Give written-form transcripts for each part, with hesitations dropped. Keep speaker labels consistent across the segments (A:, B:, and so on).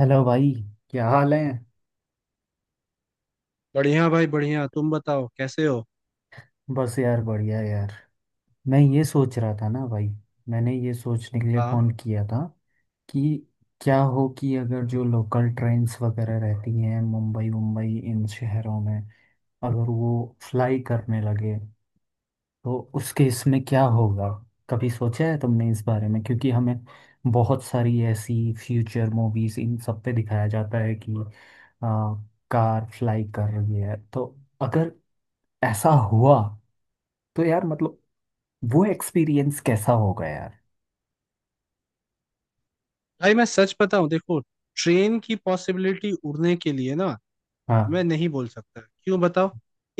A: Hello भाई। क्या हाल है।
B: बढ़िया भाई, बढ़िया। तुम बताओ कैसे हो।
A: बस यार बढ़िया यार। मैं ये सोच रहा था ना भाई। मैंने ये सोचने के लिए
B: हाँ।
A: फ़ोन किया था कि क्या हो कि अगर जो लोकल ट्रेन्स वगैरह रहती हैं मुंबई मुंबई इन शहरों में, अगर वो फ्लाई करने लगे तो उसके इसमें क्या होगा। कभी सोचा है तुमने इस बारे में? क्योंकि हमें बहुत सारी ऐसी फ्यूचर मूवीज़ इन सब पे दिखाया जाता है कि आ, कार फ्लाई कर रही है। तो अगर ऐसा हुआ तो यार मतलब वो एक्सपीरियंस कैसा होगा यार।
B: भाई मैं सच बताऊं, देखो ट्रेन की पॉसिबिलिटी उड़ने के लिए ना, मैं
A: हाँ।
B: नहीं बोल सकता। क्यों बताओ।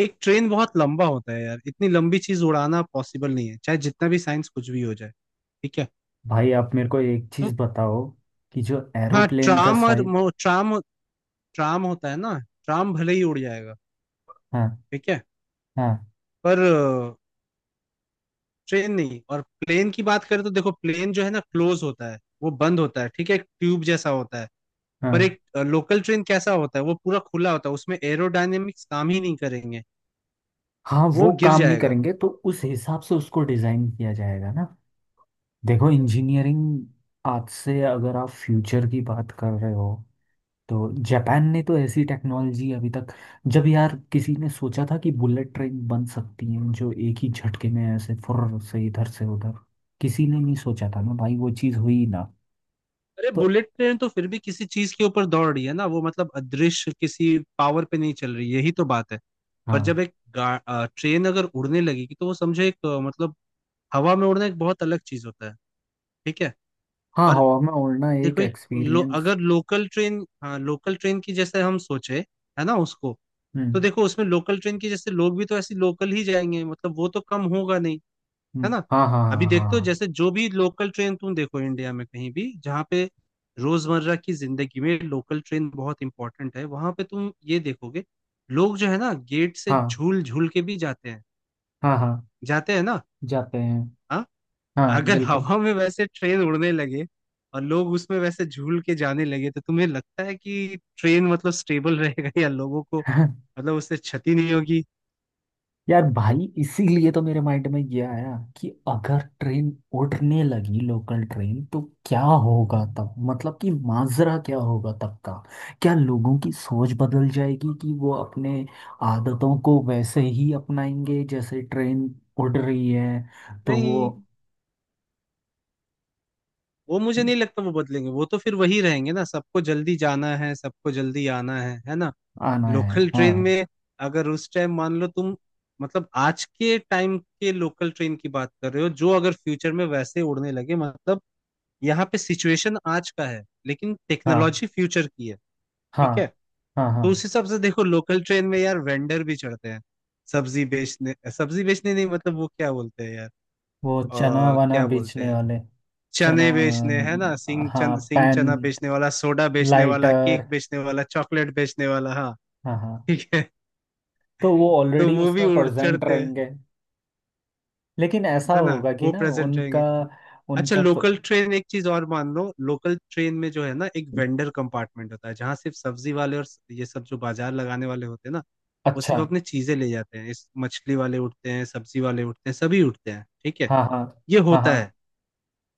B: एक ट्रेन बहुत लंबा होता है यार। इतनी लंबी चीज उड़ाना पॉसिबल नहीं है, चाहे जितना भी साइंस कुछ भी हो जाए। ठीक है।
A: भाई आप मेरे को एक चीज
B: तो
A: बताओ कि जो
B: हाँ
A: एरोप्लेन का
B: ट्राम और
A: साइज।
B: ट्राम ट्राम होता है ना। ट्राम भले ही उड़ जाएगा।
A: हाँ
B: ठीक है।
A: हाँ।
B: पर ट्रेन नहीं। और प्लेन की बात करें तो देखो, प्लेन जो है ना क्लोज होता है। वो बंद होता है। ठीक है, एक ट्यूब जैसा होता है। पर
A: हाँ
B: एक लोकल ट्रेन कैसा होता है? वो पूरा खुला होता है। उसमें एरोडायनेमिक्स काम ही नहीं करेंगे।
A: हाँ।
B: वो
A: वो
B: गिर
A: काम नहीं
B: जाएगा।
A: करेंगे तो उस हिसाब से उसको डिजाइन किया जाएगा ना। देखो इंजीनियरिंग आज से अगर आप फ्यूचर की बात कर रहे हो तो जापान ने तो ऐसी टेक्नोलॉजी अभी तक। जब यार किसी ने सोचा था कि बुलेट ट्रेन बन सकती है जो एक ही झटके में ऐसे फुर्र से इधर से उधर, किसी ने नहीं सोचा था ना भाई। वो चीज़ हुई ना।
B: अरे
A: तो
B: बुलेट ट्रेन तो फिर भी किसी चीज के ऊपर दौड़ रही है ना, वो मतलब अदृश्य किसी पावर पे नहीं चल रही। यही तो बात है। पर
A: हाँ।
B: जब एक ट्रेन अगर उड़ने लगेगी तो वो समझो, एक मतलब हवा में उड़ना एक बहुत अलग चीज होता है। ठीक है।
A: हाँ
B: और
A: हवा में उड़ना एक
B: देखो एक
A: एक्सपीरियंस।
B: अगर लोकल ट्रेन, हाँ, लोकल ट्रेन की जैसे हम सोचे, है ना, उसको। तो
A: हम्म।
B: देखो उसमें लोकल ट्रेन की जैसे लोग भी तो ऐसी लोकल ही जाएंगे, मतलब वो तो कम होगा नहीं। है ना।
A: हाँ हाँ।
B: अभी देखते हो,
A: हाँ
B: जैसे जो भी लोकल ट्रेन तुम देखो इंडिया में कहीं भी, जहाँ पे रोजमर्रा की जिंदगी में लोकल ट्रेन बहुत इंपॉर्टेंट है, वहां पे तुम ये देखोगे, लोग जो है ना गेट से
A: हाँ। हाँ
B: झूल झूल के भी जाते हैं।
A: हाँ। हाँ
B: जाते हैं ना।
A: जाते हैं।
B: हाँ।
A: हाँ
B: अगर
A: बिल्कुल।
B: हवा में वैसे ट्रेन उड़ने लगे और लोग उसमें वैसे झूल के जाने लगे, तो तुम्हें लगता है कि ट्रेन मतलब स्टेबल रहेगा या लोगों को, मतलब उससे क्षति नहीं होगी?
A: यार भाई इसीलिए तो मेरे माइंड में ये आया कि अगर ट्रेन उड़ने लगी, लोकल ट्रेन, तो क्या होगा तब। मतलब कि माजरा क्या होगा तब का। क्या लोगों की सोच बदल जाएगी कि वो अपने आदतों को वैसे ही अपनाएंगे जैसे ट्रेन उड़ रही है तो वो।
B: नहीं, वो मुझे नहीं लगता वो बदलेंगे। वो तो फिर वही रहेंगे ना, सबको जल्दी जाना है, सबको जल्दी आना है ना।
A: आना है
B: लोकल ट्रेन
A: हाँ।
B: में अगर उस टाइम, मान लो तुम मतलब आज के टाइम के लोकल ट्रेन की बात कर रहे हो, जो अगर फ्यूचर में वैसे उड़ने लगे, मतलब यहाँ पे सिचुएशन आज का है लेकिन
A: हाँ
B: टेक्नोलॉजी फ्यूचर की है।
A: हाँ।
B: ठीक है।
A: हाँ हाँ।
B: तो उस हिसाब से देखो, लोकल ट्रेन में यार वेंडर भी चढ़ते हैं, सब्जी बेचने। सब्जी बेचने नहीं, मतलब वो क्या बोलते हैं यार,
A: वो चना वना
B: क्या बोलते
A: बेचने
B: हैं।
A: वाले। चना।
B: चने बेचने, है ना,
A: हाँ
B: सिंह
A: पैन,
B: चना बेचने वाला, सोडा बेचने वाला, केक
A: लाइटर।
B: बेचने वाला, चॉकलेट बेचने वाला। हाँ,
A: हाँ हाँ।
B: ठीक है।
A: तो वो
B: तो
A: ऑलरेडी
B: वो भी
A: उसमें
B: उड़
A: प्रेजेंट
B: चढ़ते हैं,
A: रहेंगे। लेकिन ऐसा
B: है ना,
A: होगा कि
B: वो
A: ना
B: प्रेजेंट
A: उनका।
B: रहेंगे। अच्छा,
A: उनका प...
B: लोकल ट्रेन एक चीज और मान लो, लोकल ट्रेन में जो है ना एक वेंडर कंपार्टमेंट होता है, जहाँ सिर्फ सब्जी वाले और ये सब जो बाजार लगाने वाले होते हैं ना, वो
A: अच्छा।
B: सिर्फ अपने चीजें ले जाते हैं। इस मछली वाले उठते हैं, सब्जी वाले उठते हैं, सभी उठते हैं, ठीक है।
A: हाँ हाँ।
B: ये
A: हाँ
B: होता
A: हाँ।
B: है।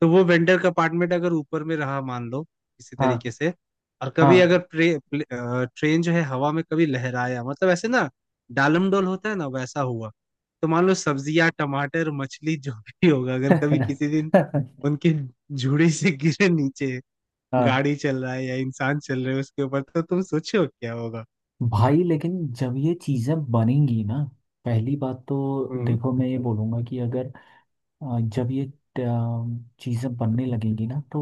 B: तो वो वेंडर का अपार्टमेंट अगर ऊपर में रहा, मान लो किसी तरीके से, और
A: हाँ
B: कभी
A: हाँ।
B: अगर ट्रेन जो है हवा में कभी लहराया, मतलब ऐसे ना डालमडोल होता है ना, वैसा हुआ। तो मान लो सब्जियां, टमाटर, मछली, जो भी होगा अगर कभी किसी दिन उनके झुड़ी से गिरे नीचे,
A: हाँ।
B: गाड़ी चल रहा है या इंसान चल रहे है उसके ऊपर, तो तुम सोचो क्या होगा।
A: भाई लेकिन जब ये चीज़ें बनेंगी ना, पहली बात तो
B: हम्म।
A: देखो, मैं ये बोलूँगा कि अगर जब ये चीज़ें बनने लगेंगी ना तो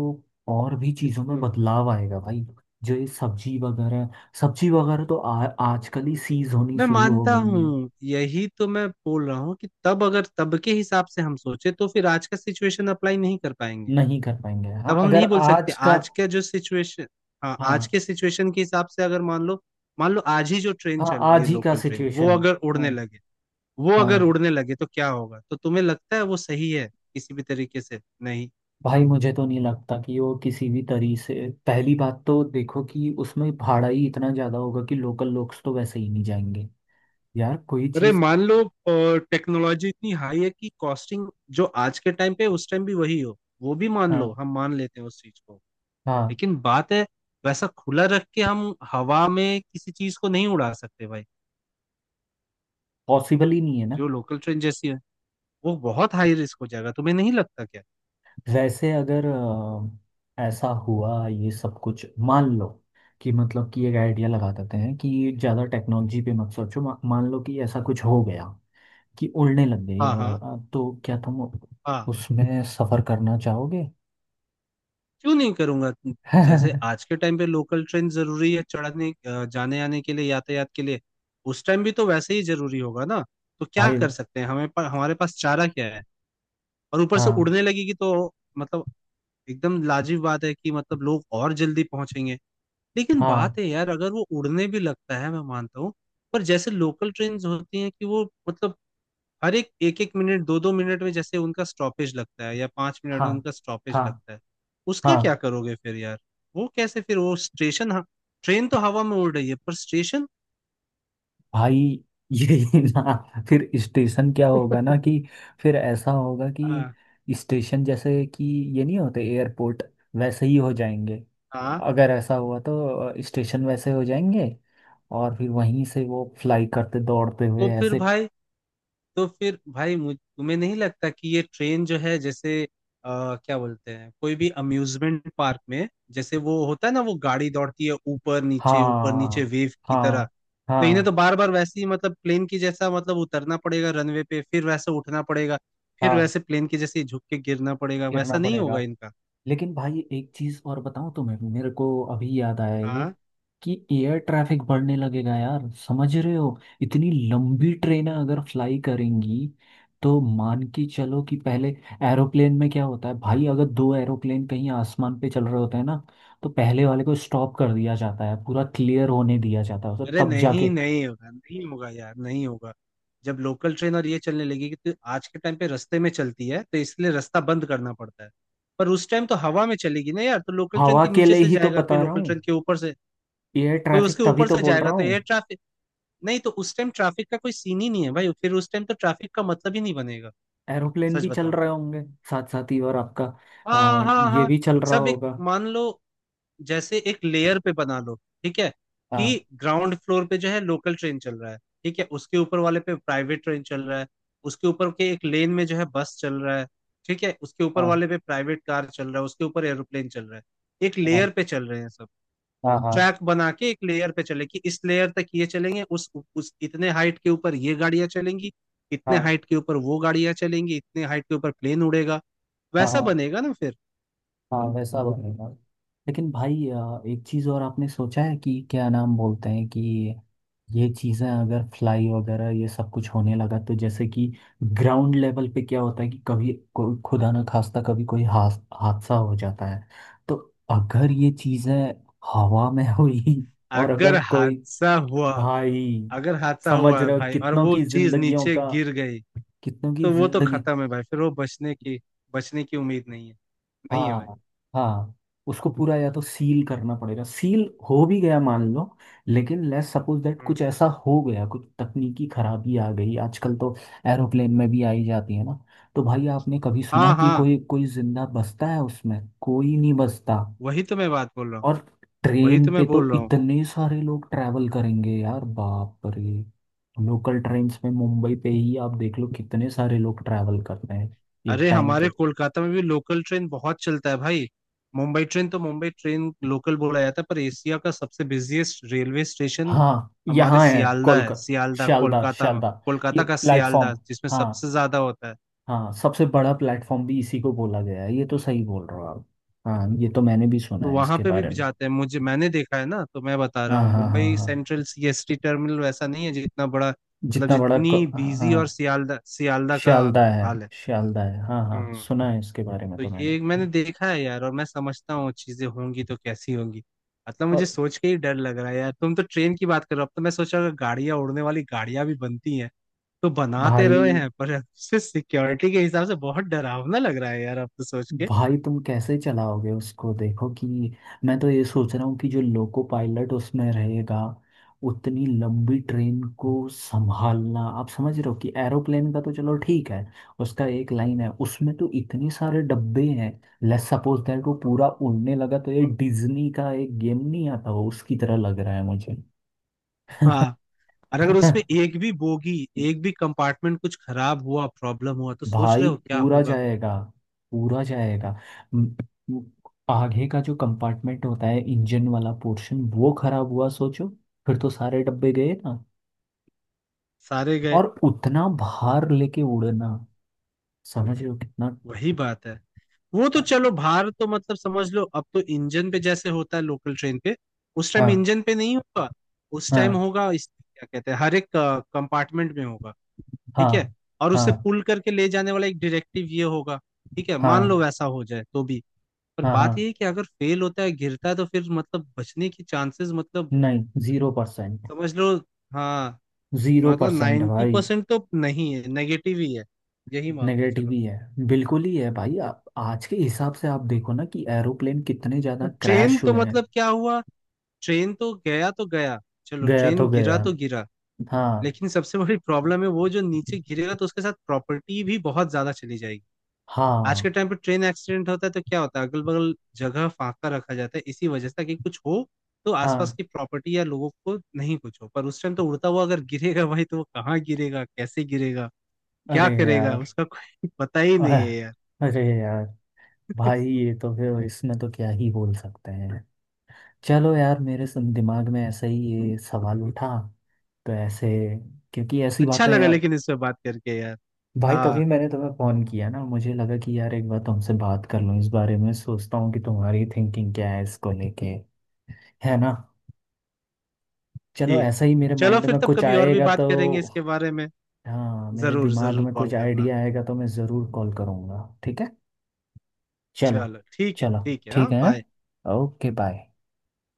A: और भी चीज़ों में
B: हम्म।
A: बदलाव आएगा भाई। जो ये सब्जी वगैरह, सब्जी वगैरह तो आजकल ही सीज होनी
B: मैं
A: शुरू हो
B: मानता
A: गई है।
B: हूँ यही तो मैं बोल रहा हूँ, कि तब अगर तब के हिसाब से हम सोचे तो फिर आज का सिचुएशन अप्लाई नहीं कर पाएंगे।
A: नहीं कर पाएंगे हाँ।
B: अब हम
A: अगर
B: नहीं बोल सकते
A: आज का।
B: आज का जो सिचुएशन। हाँ, आज
A: हाँ
B: के सिचुएशन के हिसाब से अगर मान लो, मान लो आज ही जो ट्रेन
A: हाँ,
B: चल रही
A: आज
B: है
A: ही का
B: लोकल ट्रेन, वो
A: सिचुएशन।
B: अगर
A: हाँ
B: उड़ने लगे वो अगर
A: हाँ।
B: उड़ने लगे तो क्या होगा, तो तुम्हें लगता है वो सही है? किसी भी तरीके से नहीं।
A: भाई मुझे तो नहीं लगता कि वो किसी भी तरीके से। पहली बात तो देखो कि उसमें भाड़ा ही इतना ज़्यादा होगा कि लोकल लोग तो वैसे ही नहीं जाएंगे। यार कोई
B: अरे
A: चीज़।
B: मान लो टेक्नोलॉजी इतनी हाई है कि कॉस्टिंग जो आज के टाइम पे है, उस टाइम भी वही हो, वो भी मान लो,
A: हाँ
B: हम मान लेते हैं उस चीज को।
A: हाँ।
B: लेकिन बात है, वैसा खुला रख के हम हवा में किसी चीज को नहीं उड़ा सकते भाई।
A: पॉसिबल ही नहीं है ना।
B: जो लोकल ट्रेन जैसी है, वो बहुत हाई रिस्क हो जाएगा, तुम्हें नहीं लगता क्या?
A: वैसे अगर ऐसा हुआ ये सब कुछ मान लो कि मतलब कि एक आइडिया लगा देते हैं कि ज़्यादा टेक्नोलॉजी पे मत सोचो, मान लो कि ऐसा कुछ हो गया कि उड़ने लग गई
B: हाँ,
A: और
B: हाँ,
A: तो क्या तुम
B: हाँ।
A: उसमें सफ़र करना चाहोगे?
B: क्यों नहीं करूंगा? जैसे आज के टाइम पे लोकल ट्रेन जरूरी है चढ़ने, जाने आने के लिए, यातायात के लिए, उस टाइम भी तो वैसे ही जरूरी होगा ना। तो क्या
A: भाई
B: कर सकते हैं, हमारे पास चारा क्या है। और ऊपर से
A: हाँ।
B: उड़ने लगेगी तो मतलब एकदम लाजिब बात है कि मतलब लोग और जल्दी पहुंचेंगे। लेकिन बात
A: हाँ
B: है यार, अगर वो उड़ने भी लगता है मैं मानता हूँ, पर जैसे लोकल ट्रेन होती हैं कि वो मतलब हर एक एक एक मिनट, दो दो मिनट में जैसे उनका स्टॉपेज लगता है, या 5 मिनट
A: हाँ।
B: में उनका स्टॉपेज
A: हाँ
B: लगता है। उसका क्या
A: हाँ
B: करोगे फिर यार? वो कैसे, फिर वो स्टेशन? हाँ, ट्रेन तो हवा में उड़ रही है पर स्टेशन?
A: भाई ये ना फिर स्टेशन क्या होगा ना, कि फिर ऐसा होगा
B: हाँ,
A: कि स्टेशन जैसे कि ये नहीं होते एयरपोर्ट, वैसे ही हो जाएंगे।
B: हाँ।
A: अगर ऐसा हुआ तो स्टेशन वैसे हो जाएंगे और फिर वहीं से वो फ्लाई करते दौड़ते हुए
B: तो फिर
A: ऐसे।
B: भाई तो फिर भाई, मुझ तुम्हें नहीं लगता कि ये ट्रेन जो है जैसे क्या बोलते हैं, कोई भी अम्यूजमेंट पार्क में जैसे वो होता है ना, वो गाड़ी दौड़ती है ऊपर नीचे
A: हाँ
B: वेव की तरह।
A: हाँ।
B: तो इन्हें
A: हाँ
B: तो बार बार वैसे ही मतलब प्लेन की जैसा मतलब उतरना पड़ेगा रनवे पे, फिर वैसे उठना पड़ेगा, फिर
A: हाँ
B: वैसे प्लेन की जैसे ही झुक के गिरना पड़ेगा,
A: गिरना
B: वैसा नहीं होगा
A: पड़ेगा।
B: इनका।
A: लेकिन भाई एक चीज और बताऊं तुम्हें, मेरे को अभी याद आया ये
B: हाँ।
A: कि एयर ट्रैफिक बढ़ने लगेगा यार, समझ रहे हो? इतनी लंबी ट्रेनें अगर फ्लाई करेंगी तो मान के चलो कि पहले एरोप्लेन में क्या होता है भाई, अगर दो एरोप्लेन कहीं आसमान पे चल रहे होते हैं ना, तो पहले वाले को स्टॉप कर दिया जाता है, पूरा क्लियर होने दिया जाता है उसे,
B: अरे
A: तब जाके।
B: नहीं, नहीं होगा, नहीं होगा यार, नहीं होगा। जब लोकल ट्रेन और ये चलने लगेगी तो आज के टाइम पे रास्ते में चलती है तो इसलिए रास्ता बंद करना पड़ता है। पर उस टाइम तो हवा में चलेगी ना यार, तो लोकल ट्रेन
A: हवा
B: के
A: के
B: नीचे
A: लिए
B: से
A: ही तो
B: जाएगा कोई,
A: बता रहा
B: लोकल ट्रेन
A: हूँ।
B: के ऊपर से
A: एयर
B: कोई
A: ट्रैफिक
B: उसके
A: तभी
B: ऊपर
A: तो
B: से
A: बोल
B: जाएगा
A: रहा
B: तो एयर
A: हूँ।
B: ट्रैफिक। नहीं तो उस टाइम ट्रैफिक का कोई सीन ही नहीं है भाई, फिर उस टाइम तो ट्रैफिक का मतलब ही नहीं बनेगा।
A: एरोप्लेन
B: सच
A: भी चल
B: बताऊं
A: रहे
B: तो।
A: होंगे साथ साथ ही और आपका अ,
B: हाँ, हाँ,
A: ये
B: हाँ।
A: भी चल रहा
B: सब एक,
A: होगा।
B: मान लो जैसे एक लेयर पे बना लो, ठीक है,
A: हाँ
B: कि ग्राउंड फ्लोर पे जो है लोकल ट्रेन चल रहा है, ठीक है, उसके ऊपर वाले पे प्राइवेट ट्रेन चल रहा है, उसके ऊपर के एक लेन में जो है बस चल रहा है, ठीक है, उसके ऊपर
A: हाँ।
B: वाले पे प्राइवेट कार चल रहा है, उसके ऊपर एरोप्लेन चल रहा है, एक
A: हाँ
B: लेयर पे चल रहे हैं सब।
A: हाँ। हाँ
B: ट्रैक बना के एक लेयर पे चले कि इस लेयर तक ये चलेंगे, उस इतने हाइट के ऊपर ये गाड़ियां चलेंगी, इतने
A: हाँ।
B: हाइट के ऊपर वो गाड़ियां चलेंगी, इतने हाइट के ऊपर प्लेन उड़ेगा।
A: हाँ।
B: वैसा
A: हाँ
B: बनेगा ना फिर।
A: हाँ वैसा बनेगा। लेकिन भाई एक चीज़ और आपने सोचा है कि क्या नाम बोलते हैं, कि ये चीज़ें अगर फ्लाई वगैरह ये सब कुछ होने लगा तो जैसे कि ग्राउंड लेवल पे क्या होता है कि कभी खुदा ना खास्ता कभी कोई हादसा हो जाता है, तो अगर ये चीज़ें हवा में
B: हम्म।
A: हुई और
B: अगर
A: अगर कोई।
B: हादसा हुआ
A: भाई
B: अगर हादसा
A: समझ
B: हुआ है
A: रहे हो
B: भाई, और
A: कितनों
B: वो
A: की
B: चीज
A: जिंदगियों
B: नीचे
A: का।
B: गिर गई,
A: कितनों की
B: तो वो तो
A: जिंदगी।
B: खत्म है भाई। फिर वो बचने की उम्मीद नहीं है। नहीं है भाई।
A: हाँ हाँ। उसको पूरा या तो सील करना पड़ेगा, सील हो भी गया मान लो, लेकिन लेट्स सपोज दैट
B: हम्म,
A: कुछ ऐसा हो गया, कुछ तकनीकी खराबी आ गई, आजकल तो एरोप्लेन में भी आई जाती है ना, तो भाई आपने कभी सुना
B: हाँ,
A: कि
B: हाँ।
A: कोई कोई जिंदा बचता है उसमें? कोई नहीं बचता।
B: वही तो मैं बात बोल रहा हूँ,
A: और
B: वही
A: ट्रेन
B: तो
A: पे
B: मैं
A: तो
B: बोल रहा हूँ।
A: इतने सारे लोग ट्रैवल करेंगे यार, बाप रे। लोकल ट्रेन्स में मुंबई पे ही आप देख लो कितने सारे लोग ट्रैवल करते हैं एक
B: अरे
A: टाइम
B: हमारे
A: पे।
B: कोलकाता में भी लोकल ट्रेन बहुत चलता है भाई। मुंबई ट्रेन तो, मुंबई ट्रेन लोकल बोला जाता है, पर एशिया का सबसे बिजिएस्ट रेलवे स्टेशन
A: हाँ
B: हमारे
A: यहाँ है
B: सियालदा है,
A: कोलकाता।
B: सियालदा
A: शालदा
B: कोलकाता में।
A: शालदा। ये
B: कोलकाता का सियालदा
A: प्लेटफॉर्म।
B: जिसमें
A: हाँ
B: सबसे ज्यादा होता है।
A: हाँ, सबसे बड़ा प्लेटफॉर्म भी इसी को बोला गया है, ये तो सही बोल रहे हो आप। हाँ ये तो मैंने भी सुना
B: तो
A: है
B: वहां
A: इसके
B: पे
A: बारे
B: भी
A: में।
B: जाते हैं मुझे, मैंने देखा है ना, तो मैं बता रहा
A: हाँ
B: हूँ
A: हाँ। हाँ
B: मुंबई
A: हाँ
B: सेंट्रल सीएसटी टर्मिनल वैसा नहीं है जितना बड़ा, मतलब
A: जितना बड़ा
B: जितनी बिजी, और
A: हाँ
B: सियालदा, सियालदा का
A: शालदा है।
B: हाल है।
A: शालदा है हाँ हाँ,
B: हम्म।
A: सुना है इसके बारे में
B: तो
A: तो मैंने।
B: ये मैंने देखा है यार, और मैं समझता हूँ चीजें होंगी तो कैसी होंगी, मतलब मुझे
A: और।
B: सोच के ही डर लग रहा है यार। तुम तो ट्रेन की बात करो, अब तो मैं सोच रहा हूँ गाड़ियां, उड़ने वाली गाड़ियां भी बनती हैं, तो बनाते
A: भाई
B: रहे हैं पर सिक्योरिटी के हिसाब से बहुत डरावना लग रहा है यार, अब तो सोच के।
A: भाई तुम कैसे चलाओगे उसको देखो कि मैं तो ये सोच रहा हूँ कि जो लोको पायलट उसमें रहेगा, उतनी लंबी ट्रेन को संभालना आप समझ रहे हो? कि एरोप्लेन का तो चलो ठीक है, उसका एक लाइन है, उसमें तो इतने सारे डब्बे हैं। लेट्स सपोज दैट वो पूरा उड़ने लगा तो ये डिज्नी का एक गेम नहीं आता हो, उसकी तरह लग रहा है मुझे।
B: हाँ। और अगर उसमें एक भी बोगी, एक भी कंपार्टमेंट कुछ खराब हुआ, प्रॉब्लम हुआ तो सोच रहे
A: भाई
B: हो क्या
A: पूरा
B: होगा।
A: जाएगा। पूरा जाएगा। म- म- आगे का जो कंपार्टमेंट होता है इंजन वाला पोर्शन, वो खराब हुआ सोचो, फिर तो सारे डब्बे गए ना।
B: सारे गए।
A: और उतना भार लेके उड़ना, समझ रहे हो कितना।
B: वही बात है, वो तो
A: हाँ
B: चलो भार तो मतलब समझ लो, अब तो इंजन पे जैसे होता है लोकल ट्रेन पे, उस टाइम
A: हाँ।
B: इंजन पे नहीं होगा, उस टाइम
A: हाँ
B: होगा इस क्या कहते हैं, हर एक कंपार्टमेंट में होगा, ठीक है। और उसे
A: हाँ।
B: पुल करके ले जाने वाला एक डायरेक्टिव ये होगा, ठीक है, मान
A: हाँ
B: लो वैसा हो जाए तो भी। पर
A: हाँ। हाँ
B: बात ये है कि अगर फेल होता है, गिरता है, तो फिर मतलब बचने की चांसेस, मतलब
A: नहीं जीरो परसेंट।
B: समझ लो। हाँ,
A: जीरो
B: मतलब
A: परसेंट
B: नाइन्टी
A: भाई।
B: परसेंट तो नहीं है, नेगेटिव ही है, यही मान के
A: नेगेटिव
B: चलो।
A: ही है, बिल्कुल ही है भाई। आप आज के हिसाब से आप देखो ना कि एरोप्लेन कितने ज्यादा
B: तो ट्रेन
A: क्रैश
B: तो
A: हुए हैं।
B: मतलब क्या हुआ, ट्रेन तो गया तो गया, चलो,
A: गया
B: ट्रेन
A: तो
B: गिरा
A: गया।
B: तो गिरा।
A: हाँ
B: लेकिन सबसे बड़ी प्रॉब्लम है वो जो नीचे गिरेगा तो उसके साथ प्रॉपर्टी भी बहुत ज्यादा चली जाएगी। आज
A: हाँ।
B: के टाइम पे ट्रेन एक्सीडेंट होता है तो क्या होता है, अगल बगल जगह फांका रखा जाता है, इसी वजह से, ताकि कुछ हो तो आसपास
A: हाँ
B: की प्रॉपर्टी या लोगों को नहीं कुछ हो। पर उस टाइम तो उड़ता हुआ अगर गिरेगा भाई, तो वो कहाँ गिरेगा, कैसे गिरेगा, क्या
A: अरे
B: करेगा
A: यार।
B: उसका कोई पता ही
A: अह,
B: नहीं है यार।
A: अरे यार। भाई ये तो फिर इसमें तो क्या ही बोल सकते हैं। चलो यार मेरे दिमाग में ऐसा ही ये सवाल उठा तो ऐसे, क्योंकि ऐसी
B: अच्छा
A: बातें
B: लगा
A: यार।
B: लेकिन इस पे बात करके यार।
A: भाई
B: हाँ,
A: तभी मैंने तुम्हें फोन किया ना, मुझे लगा कि यार एक बार तुमसे बात कर लूँ इस बारे में, सोचता हूँ कि तुम्हारी थिंकिंग क्या है इसको लेके। है ना। चलो
B: ठीक।
A: ऐसा ही मेरे
B: चलो
A: माइंड
B: फिर,
A: में
B: तब
A: कुछ
B: कभी और भी
A: आएगा
B: बात करेंगे इसके
A: तो।
B: बारे में।
A: हाँ मेरे
B: जरूर
A: दिमाग
B: जरूर
A: में
B: कॉल
A: कुछ
B: करना।
A: आइडिया आएगा तो मैं ज़रूर कॉल करूँगा, ठीक है। चलो।
B: चलो, ठीक है,
A: चलो
B: ठीक है,
A: ठीक
B: हाँ,
A: है
B: बाय।
A: हाँ? Okay bye.